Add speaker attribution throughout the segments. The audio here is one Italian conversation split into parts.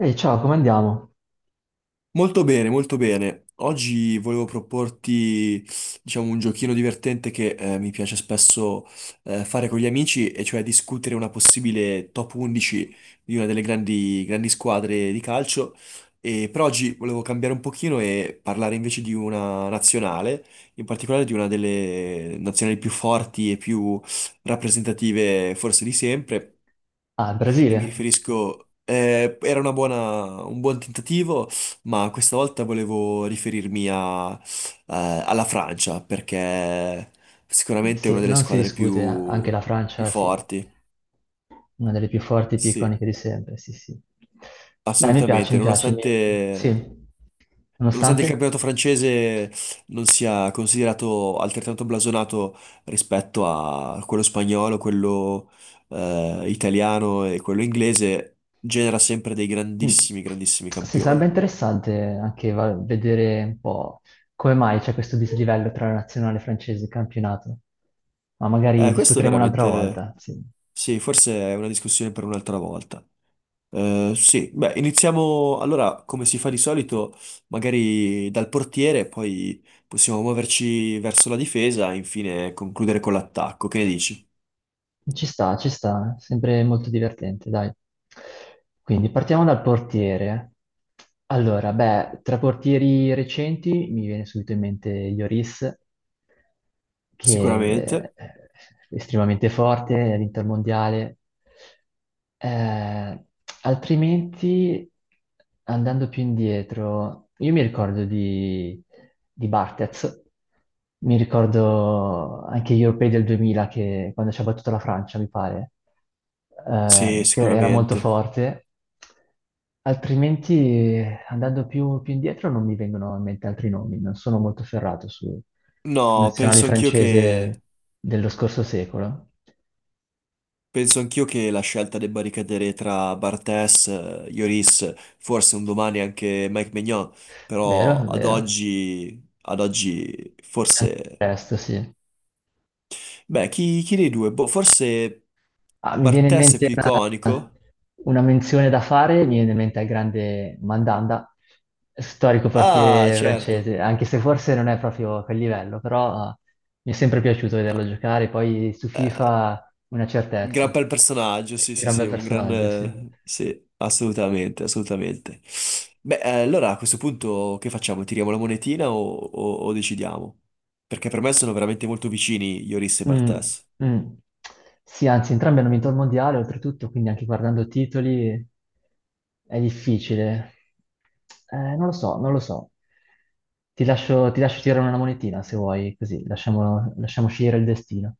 Speaker 1: Ehi, ciao, come andiamo?
Speaker 2: Molto bene, molto bene. Oggi volevo proporti, diciamo, un giochino divertente che mi piace spesso fare con gli amici, e cioè discutere una possibile top 11 di una delle grandi, grandi squadre di calcio. E per oggi volevo cambiare un pochino e parlare invece di una nazionale, in particolare di una delle nazionali più forti e più rappresentative forse di sempre.
Speaker 1: Ah,
Speaker 2: E mi
Speaker 1: Brasile?
Speaker 2: riferisco, era una un buon tentativo, ma questa volta volevo riferirmi eh, alla Francia, perché sicuramente è una
Speaker 1: Sì,
Speaker 2: delle
Speaker 1: non si
Speaker 2: squadre
Speaker 1: discute, eh. Anche
Speaker 2: più,
Speaker 1: la
Speaker 2: più
Speaker 1: Francia, sì,
Speaker 2: forti.
Speaker 1: una delle più forti e più
Speaker 2: Sì,
Speaker 1: iconiche di sempre, sì, sì. Dai,
Speaker 2: assolutamente.
Speaker 1: mi piace, sì,
Speaker 2: Nonostante il
Speaker 1: nonostante...
Speaker 2: campionato francese non sia considerato altrettanto blasonato rispetto a quello spagnolo, quello, italiano e quello inglese, genera sempre dei
Speaker 1: Mm.
Speaker 2: grandissimi, grandissimi
Speaker 1: Sì, sarebbe
Speaker 2: campioni.
Speaker 1: interessante anche vedere un po' come mai c'è questo dislivello tra la nazionale francese e il campionato, ma magari
Speaker 2: Questo è
Speaker 1: discuteremo un'altra
Speaker 2: veramente.
Speaker 1: volta, sì.
Speaker 2: Sì, forse è una discussione per un'altra volta. Sì, beh, iniziamo allora come si fa di solito, magari dal portiere, poi possiamo muoverci verso la difesa e infine concludere con l'attacco. Che ne dici?
Speaker 1: Ci sta, eh. Sempre molto divertente, dai. Quindi partiamo dal portiere. Allora, beh, tra portieri recenti mi viene subito in mente Lloris, che
Speaker 2: Sicuramente.
Speaker 1: è estremamente forte all'Intermondiale, eh, altrimenti, andando più indietro, io mi ricordo di Barthez, mi ricordo anche gli europei del 2000, che, quando ci ha battuto la Francia, mi pare,
Speaker 2: Sì,
Speaker 1: che era molto
Speaker 2: sicuramente.
Speaker 1: forte. Altrimenti, andando più indietro, non mi vengono in mente altri nomi, non sono molto ferrato su, sul
Speaker 2: No,
Speaker 1: nazionale
Speaker 2: penso anch'io che
Speaker 1: francese dello scorso secolo.
Speaker 2: Penso anch'io che la scelta debba ricadere tra Bartes, Lloris, forse un domani anche Mike Maignan, però
Speaker 1: Vero,
Speaker 2: ad
Speaker 1: vero.
Speaker 2: oggi, ad oggi
Speaker 1: Eh,
Speaker 2: forse.
Speaker 1: Presto, sì.
Speaker 2: Beh, chi dei due? Boh, forse
Speaker 1: Ah, mi viene in
Speaker 2: Bartes è
Speaker 1: mente
Speaker 2: più iconico?
Speaker 1: una menzione da fare, mi viene in mente il grande Mandanda, storico
Speaker 2: Ah,
Speaker 1: portiere
Speaker 2: certo.
Speaker 1: francese, anche se forse non è proprio a quel livello, però mi è sempre piaciuto
Speaker 2: Ah,
Speaker 1: vederlo giocare, poi su
Speaker 2: eh,
Speaker 1: FIFA una
Speaker 2: un gran
Speaker 1: certezza.
Speaker 2: bel personaggio, sì, sì,
Speaker 1: Gran
Speaker 2: sì,
Speaker 1: bel personaggio, sì.
Speaker 2: sì, assolutamente, assolutamente. Beh, allora a questo punto che facciamo? Tiriamo la monetina o decidiamo? Perché per me sono veramente molto vicini Ioris e
Speaker 1: Mm,
Speaker 2: Bartes.
Speaker 1: mm. Sì, anzi, entrambi hanno vinto il mondiale, oltretutto, quindi anche guardando titoli è difficile. Non lo so, non lo so. Ti lascio tirare una monetina se vuoi, così lasciamo, lasciamo scegliere il destino.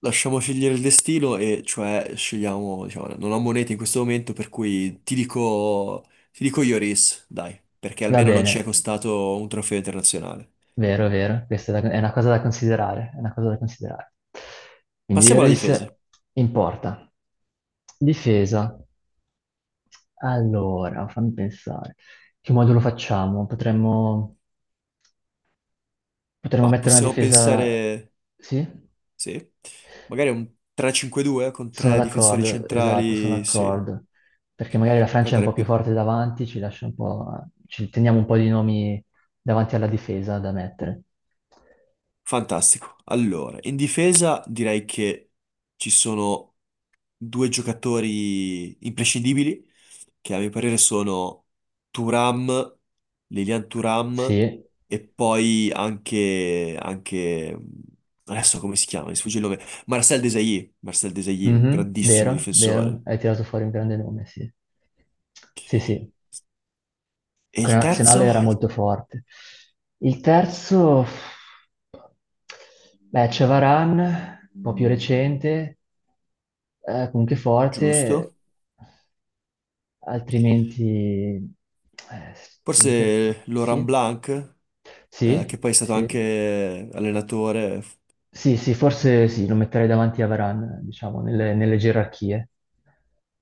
Speaker 2: Lasciamo scegliere il destino e cioè scegliamo, diciamo, non ho monete in questo momento, per cui ti dico Ioris, dai, perché
Speaker 1: Va
Speaker 2: almeno non ci è
Speaker 1: bene,
Speaker 2: costato un trofeo internazionale.
Speaker 1: vero, vero, è una cosa da considerare, è una cosa da considerare. Quindi
Speaker 2: Passiamo alla difesa,
Speaker 1: Iris in porta. Difesa. Allora, fammi pensare. Che modulo facciamo? Potremmo... potremmo
Speaker 2: ma
Speaker 1: mettere una
Speaker 2: possiamo
Speaker 1: difesa...
Speaker 2: pensare.
Speaker 1: Sì?
Speaker 2: Sì. Magari un 3-5-2 con
Speaker 1: Sono
Speaker 2: tre difensori
Speaker 1: d'accordo, esatto, sono
Speaker 2: centrali, sì.
Speaker 1: d'accordo. Perché magari la
Speaker 2: Per
Speaker 1: Francia è un po'
Speaker 2: dare
Speaker 1: più
Speaker 2: più.
Speaker 1: forte davanti, ci lascia un po'... ci teniamo un po' di nomi davanti alla difesa da mettere.
Speaker 2: Fantastico. Allora, in difesa direi che ci sono due giocatori imprescindibili, che a mio parere sono Turam, Lilian Turam,
Speaker 1: Sì,
Speaker 2: e poi anche. Adesso come si chiama? Mi sfugge il nome. Marcel Desailly. Marcel Desailly, un
Speaker 1: mhm,
Speaker 2: grandissimo
Speaker 1: vero, vero,
Speaker 2: difensore.
Speaker 1: hai tirato fuori un grande nome, sì. Sì, sì.
Speaker 2: E il
Speaker 1: Quella
Speaker 2: terzo?
Speaker 1: nazionale era molto forte. Il terzo, beh, c'è Varane, un po' più recente, comunque forte,
Speaker 2: Giusto.
Speaker 1: altrimenti... sto pensando.
Speaker 2: Forse Laurent
Speaker 1: Sì,
Speaker 2: Blanc, che
Speaker 1: sì,
Speaker 2: poi è stato
Speaker 1: sì.
Speaker 2: anche allenatore,
Speaker 1: Sì, sì, forse sì, lo metterei davanti a Varane, diciamo, nelle, nelle gerarchie.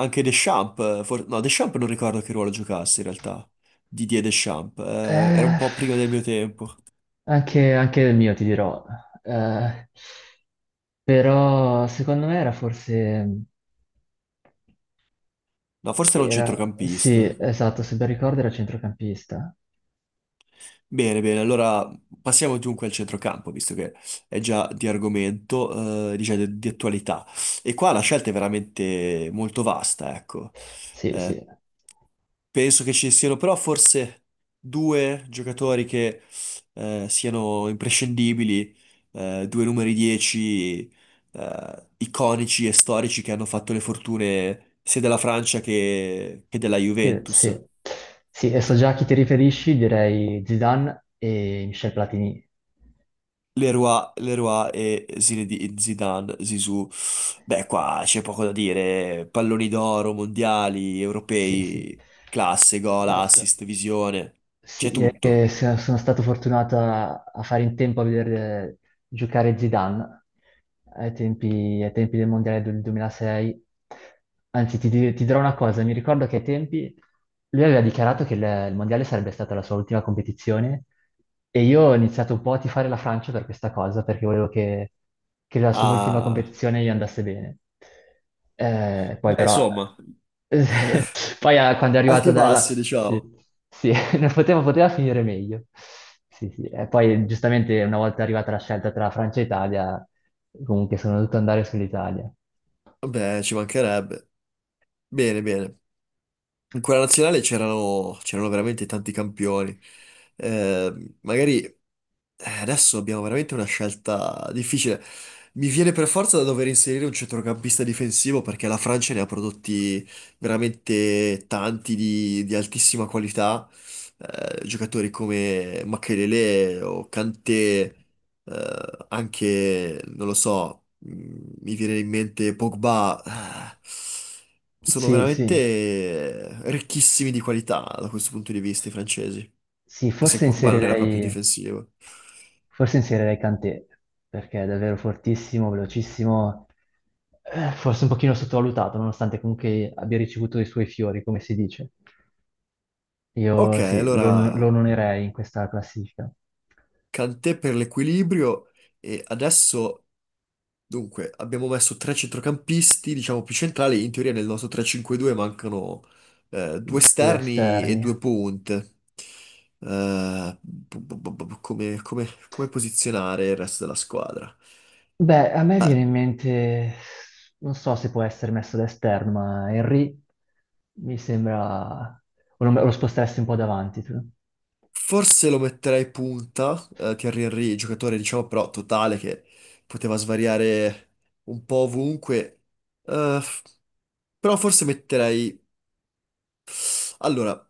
Speaker 2: anche Deschamps, no, Deschamps non ricordo che ruolo giocasse in realtà, Didier Deschamps, era un
Speaker 1: Eh,
Speaker 2: po' prima del mio tempo.
Speaker 1: anche, anche il mio, ti dirò. Eh, però secondo me era forse...
Speaker 2: No, forse era un
Speaker 1: era...
Speaker 2: centrocampista.
Speaker 1: sì, esatto, se ben ricordo era centrocampista.
Speaker 2: Bene, bene, allora passiamo dunque al centrocampo, visto che è già di argomento, diciamo, di attualità. E qua la scelta è veramente molto vasta, ecco.
Speaker 1: Sì,
Speaker 2: Eh,
Speaker 1: sì.
Speaker 2: Penso che ci siano però forse due giocatori che siano imprescindibili, due numeri 10 iconici e storici che hanno fatto le fortune sia della Francia che della
Speaker 1: Sì,
Speaker 2: Juventus.
Speaker 1: sì, e so già a chi ti riferisci, direi Zidane e Michel Platini.
Speaker 2: Leroy e Zidane, Zizou. Beh, qua c'è poco da dire. Palloni d'oro, mondiali,
Speaker 1: Sì, sì.
Speaker 2: europei, classe, gol,
Speaker 1: Esatto.
Speaker 2: assist, visione. C'è
Speaker 1: Sì, direi che
Speaker 2: tutto.
Speaker 1: sono stato fortunato a fare in tempo a vedere giocare Zidane ai tempi del Mondiale del 2006. Anzi, ti dirò una cosa, mi ricordo che ai tempi lui aveva dichiarato che il Mondiale sarebbe stata la sua ultima competizione e io ho iniziato un po' a tifare la Francia per questa cosa, perché volevo che la sua ultima
Speaker 2: Ah,
Speaker 1: competizione gli andasse bene. Poi
Speaker 2: beh,
Speaker 1: però...
Speaker 2: insomma,
Speaker 1: Poi quando è
Speaker 2: alti
Speaker 1: arrivata
Speaker 2: e
Speaker 1: dalla...
Speaker 2: bassi,
Speaker 1: Sì,
Speaker 2: diciamo.
Speaker 1: sì, non poteva, poteva finire meglio. Sì, sì. E poi giustamente una volta arrivata la scelta tra Francia e Italia, comunque sono dovuto andare sull'Italia.
Speaker 2: Beh, ci mancherebbe. Bene, bene. In quella nazionale c'erano veramente tanti campioni. Magari Adesso abbiamo veramente una scelta difficile. Mi viene per forza da dover inserire un centrocampista difensivo perché la Francia ne ha prodotti veramente tanti di altissima qualità. Giocatori come Makelele o Kanté, eh, anche, non lo so, mi viene in mente Pogba. Sono
Speaker 1: Sì, sì,
Speaker 2: veramente ricchissimi di qualità da questo punto di vista i francesi.
Speaker 1: sì,
Speaker 2: Che se Pogba non era proprio difensivo.
Speaker 1: forse inserirei Kanté, perché è davvero fortissimo, velocissimo, forse un pochino sottovalutato, nonostante comunque abbia ricevuto i suoi fiori, come si dice.
Speaker 2: Ok,
Speaker 1: Io sì, lo, lo
Speaker 2: allora
Speaker 1: onorerei in questa classifica.
Speaker 2: Kanté per l'equilibrio e adesso, dunque, abbiamo messo tre centrocampisti, diciamo più centrali, in teoria nel nostro 3-5-2 mancano due
Speaker 1: Due
Speaker 2: esterni e
Speaker 1: esterni.
Speaker 2: due punte. Come posizionare il resto della squadra?
Speaker 1: Beh, a me viene in mente, non so se può essere messo da esterno, ma Henry mi sembra, o lo, lo sposteresti un po' davanti tu.
Speaker 2: Forse lo metterei punta, Thierry Henry, giocatore diciamo però totale che poteva svariare un po' ovunque. Eh, f- però forse metterei. Allora,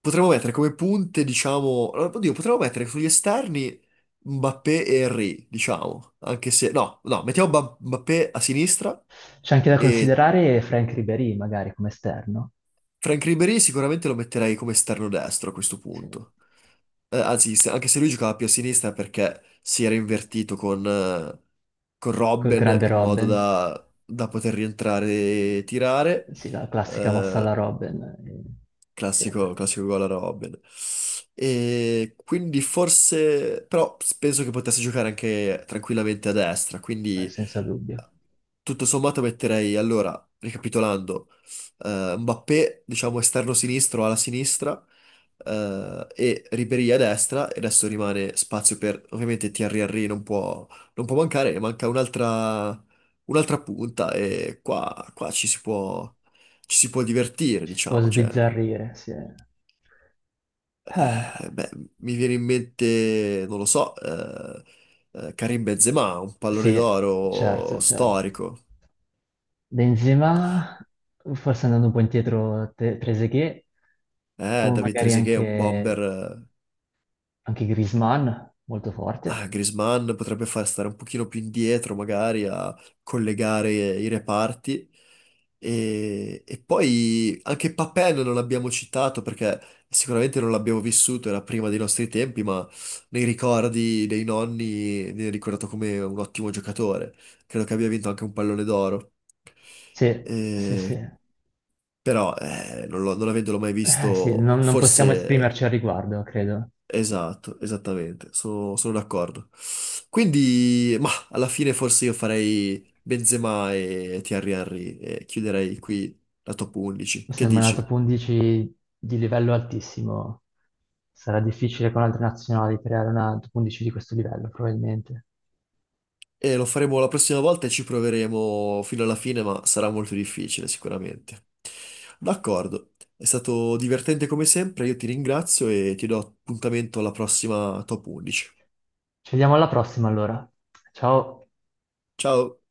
Speaker 2: potremmo mettere come punte, diciamo, allora, Oddio, potremmo mettere sugli esterni Mbappé e Henry, diciamo. Anche se. No, no, mettiamo Mbappé a sinistra
Speaker 1: C'è anche da
Speaker 2: e
Speaker 1: considerare Frank Ribéry magari come esterno,
Speaker 2: Frank Ribéry sicuramente lo metterei come esterno destro a questo
Speaker 1: sì.
Speaker 2: punto. Anzi, anche se lui giocava più a sinistra perché si era invertito con
Speaker 1: Col
Speaker 2: Robben
Speaker 1: grande
Speaker 2: in modo
Speaker 1: Robben,
Speaker 2: da poter rientrare e tirare.
Speaker 1: sì, la classica mossa
Speaker 2: Eh,
Speaker 1: alla Robben, sì,
Speaker 2: Classico, classico gol a Robin. E quindi forse, però penso che potesse giocare anche tranquillamente a destra, quindi
Speaker 1: senza dubbio.
Speaker 2: tutto sommato metterei, allora, ricapitolando, Mbappé, diciamo esterno sinistro alla sinistra, e Ribéry a destra, e adesso rimane spazio per, ovviamente Thierry Henry non può, mancare, e manca un'altra punta e qua ci si può divertire,
Speaker 1: Ci si può
Speaker 2: diciamo, cioè.
Speaker 1: sbizzarrire, sì. Eh,
Speaker 2: Beh, mi viene in mente, non lo so, Karim Benzema, un pallone
Speaker 1: sì,
Speaker 2: d'oro
Speaker 1: certo, certo.
Speaker 2: storico.
Speaker 1: Benzema, forse andando un po' indietro, Trezeguet, o
Speaker 2: David
Speaker 1: magari
Speaker 2: Trezeguet, un
Speaker 1: anche,
Speaker 2: bomber.
Speaker 1: anche Griezmann, molto
Speaker 2: Ah,
Speaker 1: forte.
Speaker 2: Griezmann potrebbe far stare un pochino più indietro, magari a collegare i reparti. E poi anche Papin non l'abbiamo citato perché sicuramente non l'abbiamo vissuto, era prima dei nostri tempi, ma nei ricordi dei nonni viene ricordato come un ottimo giocatore. Credo che abbia vinto anche un pallone d'oro.
Speaker 1: Sì, sì,
Speaker 2: Eh,
Speaker 1: sì.
Speaker 2: Però non avendolo mai
Speaker 1: Sì,
Speaker 2: visto,
Speaker 1: non, non possiamo
Speaker 2: forse.
Speaker 1: esprimerci al riguardo, credo.
Speaker 2: Esatto, esattamente, sono d'accordo. Quindi, ma alla fine forse io farei Benzema e Thierry Henry e chiuderei qui la top 11.
Speaker 1: Mi
Speaker 2: Che
Speaker 1: sembra una top
Speaker 2: dici?
Speaker 1: 11 di livello altissimo. Sarà difficile con altre nazionali creare una top 11 di questo livello, probabilmente.
Speaker 2: E lo faremo la prossima volta e ci proveremo fino alla fine, ma sarà molto difficile sicuramente. D'accordo, è stato divertente come sempre, io ti ringrazio e ti do appuntamento alla prossima top 11.
Speaker 1: Ci vediamo alla prossima, allora. Ciao.
Speaker 2: Ciao!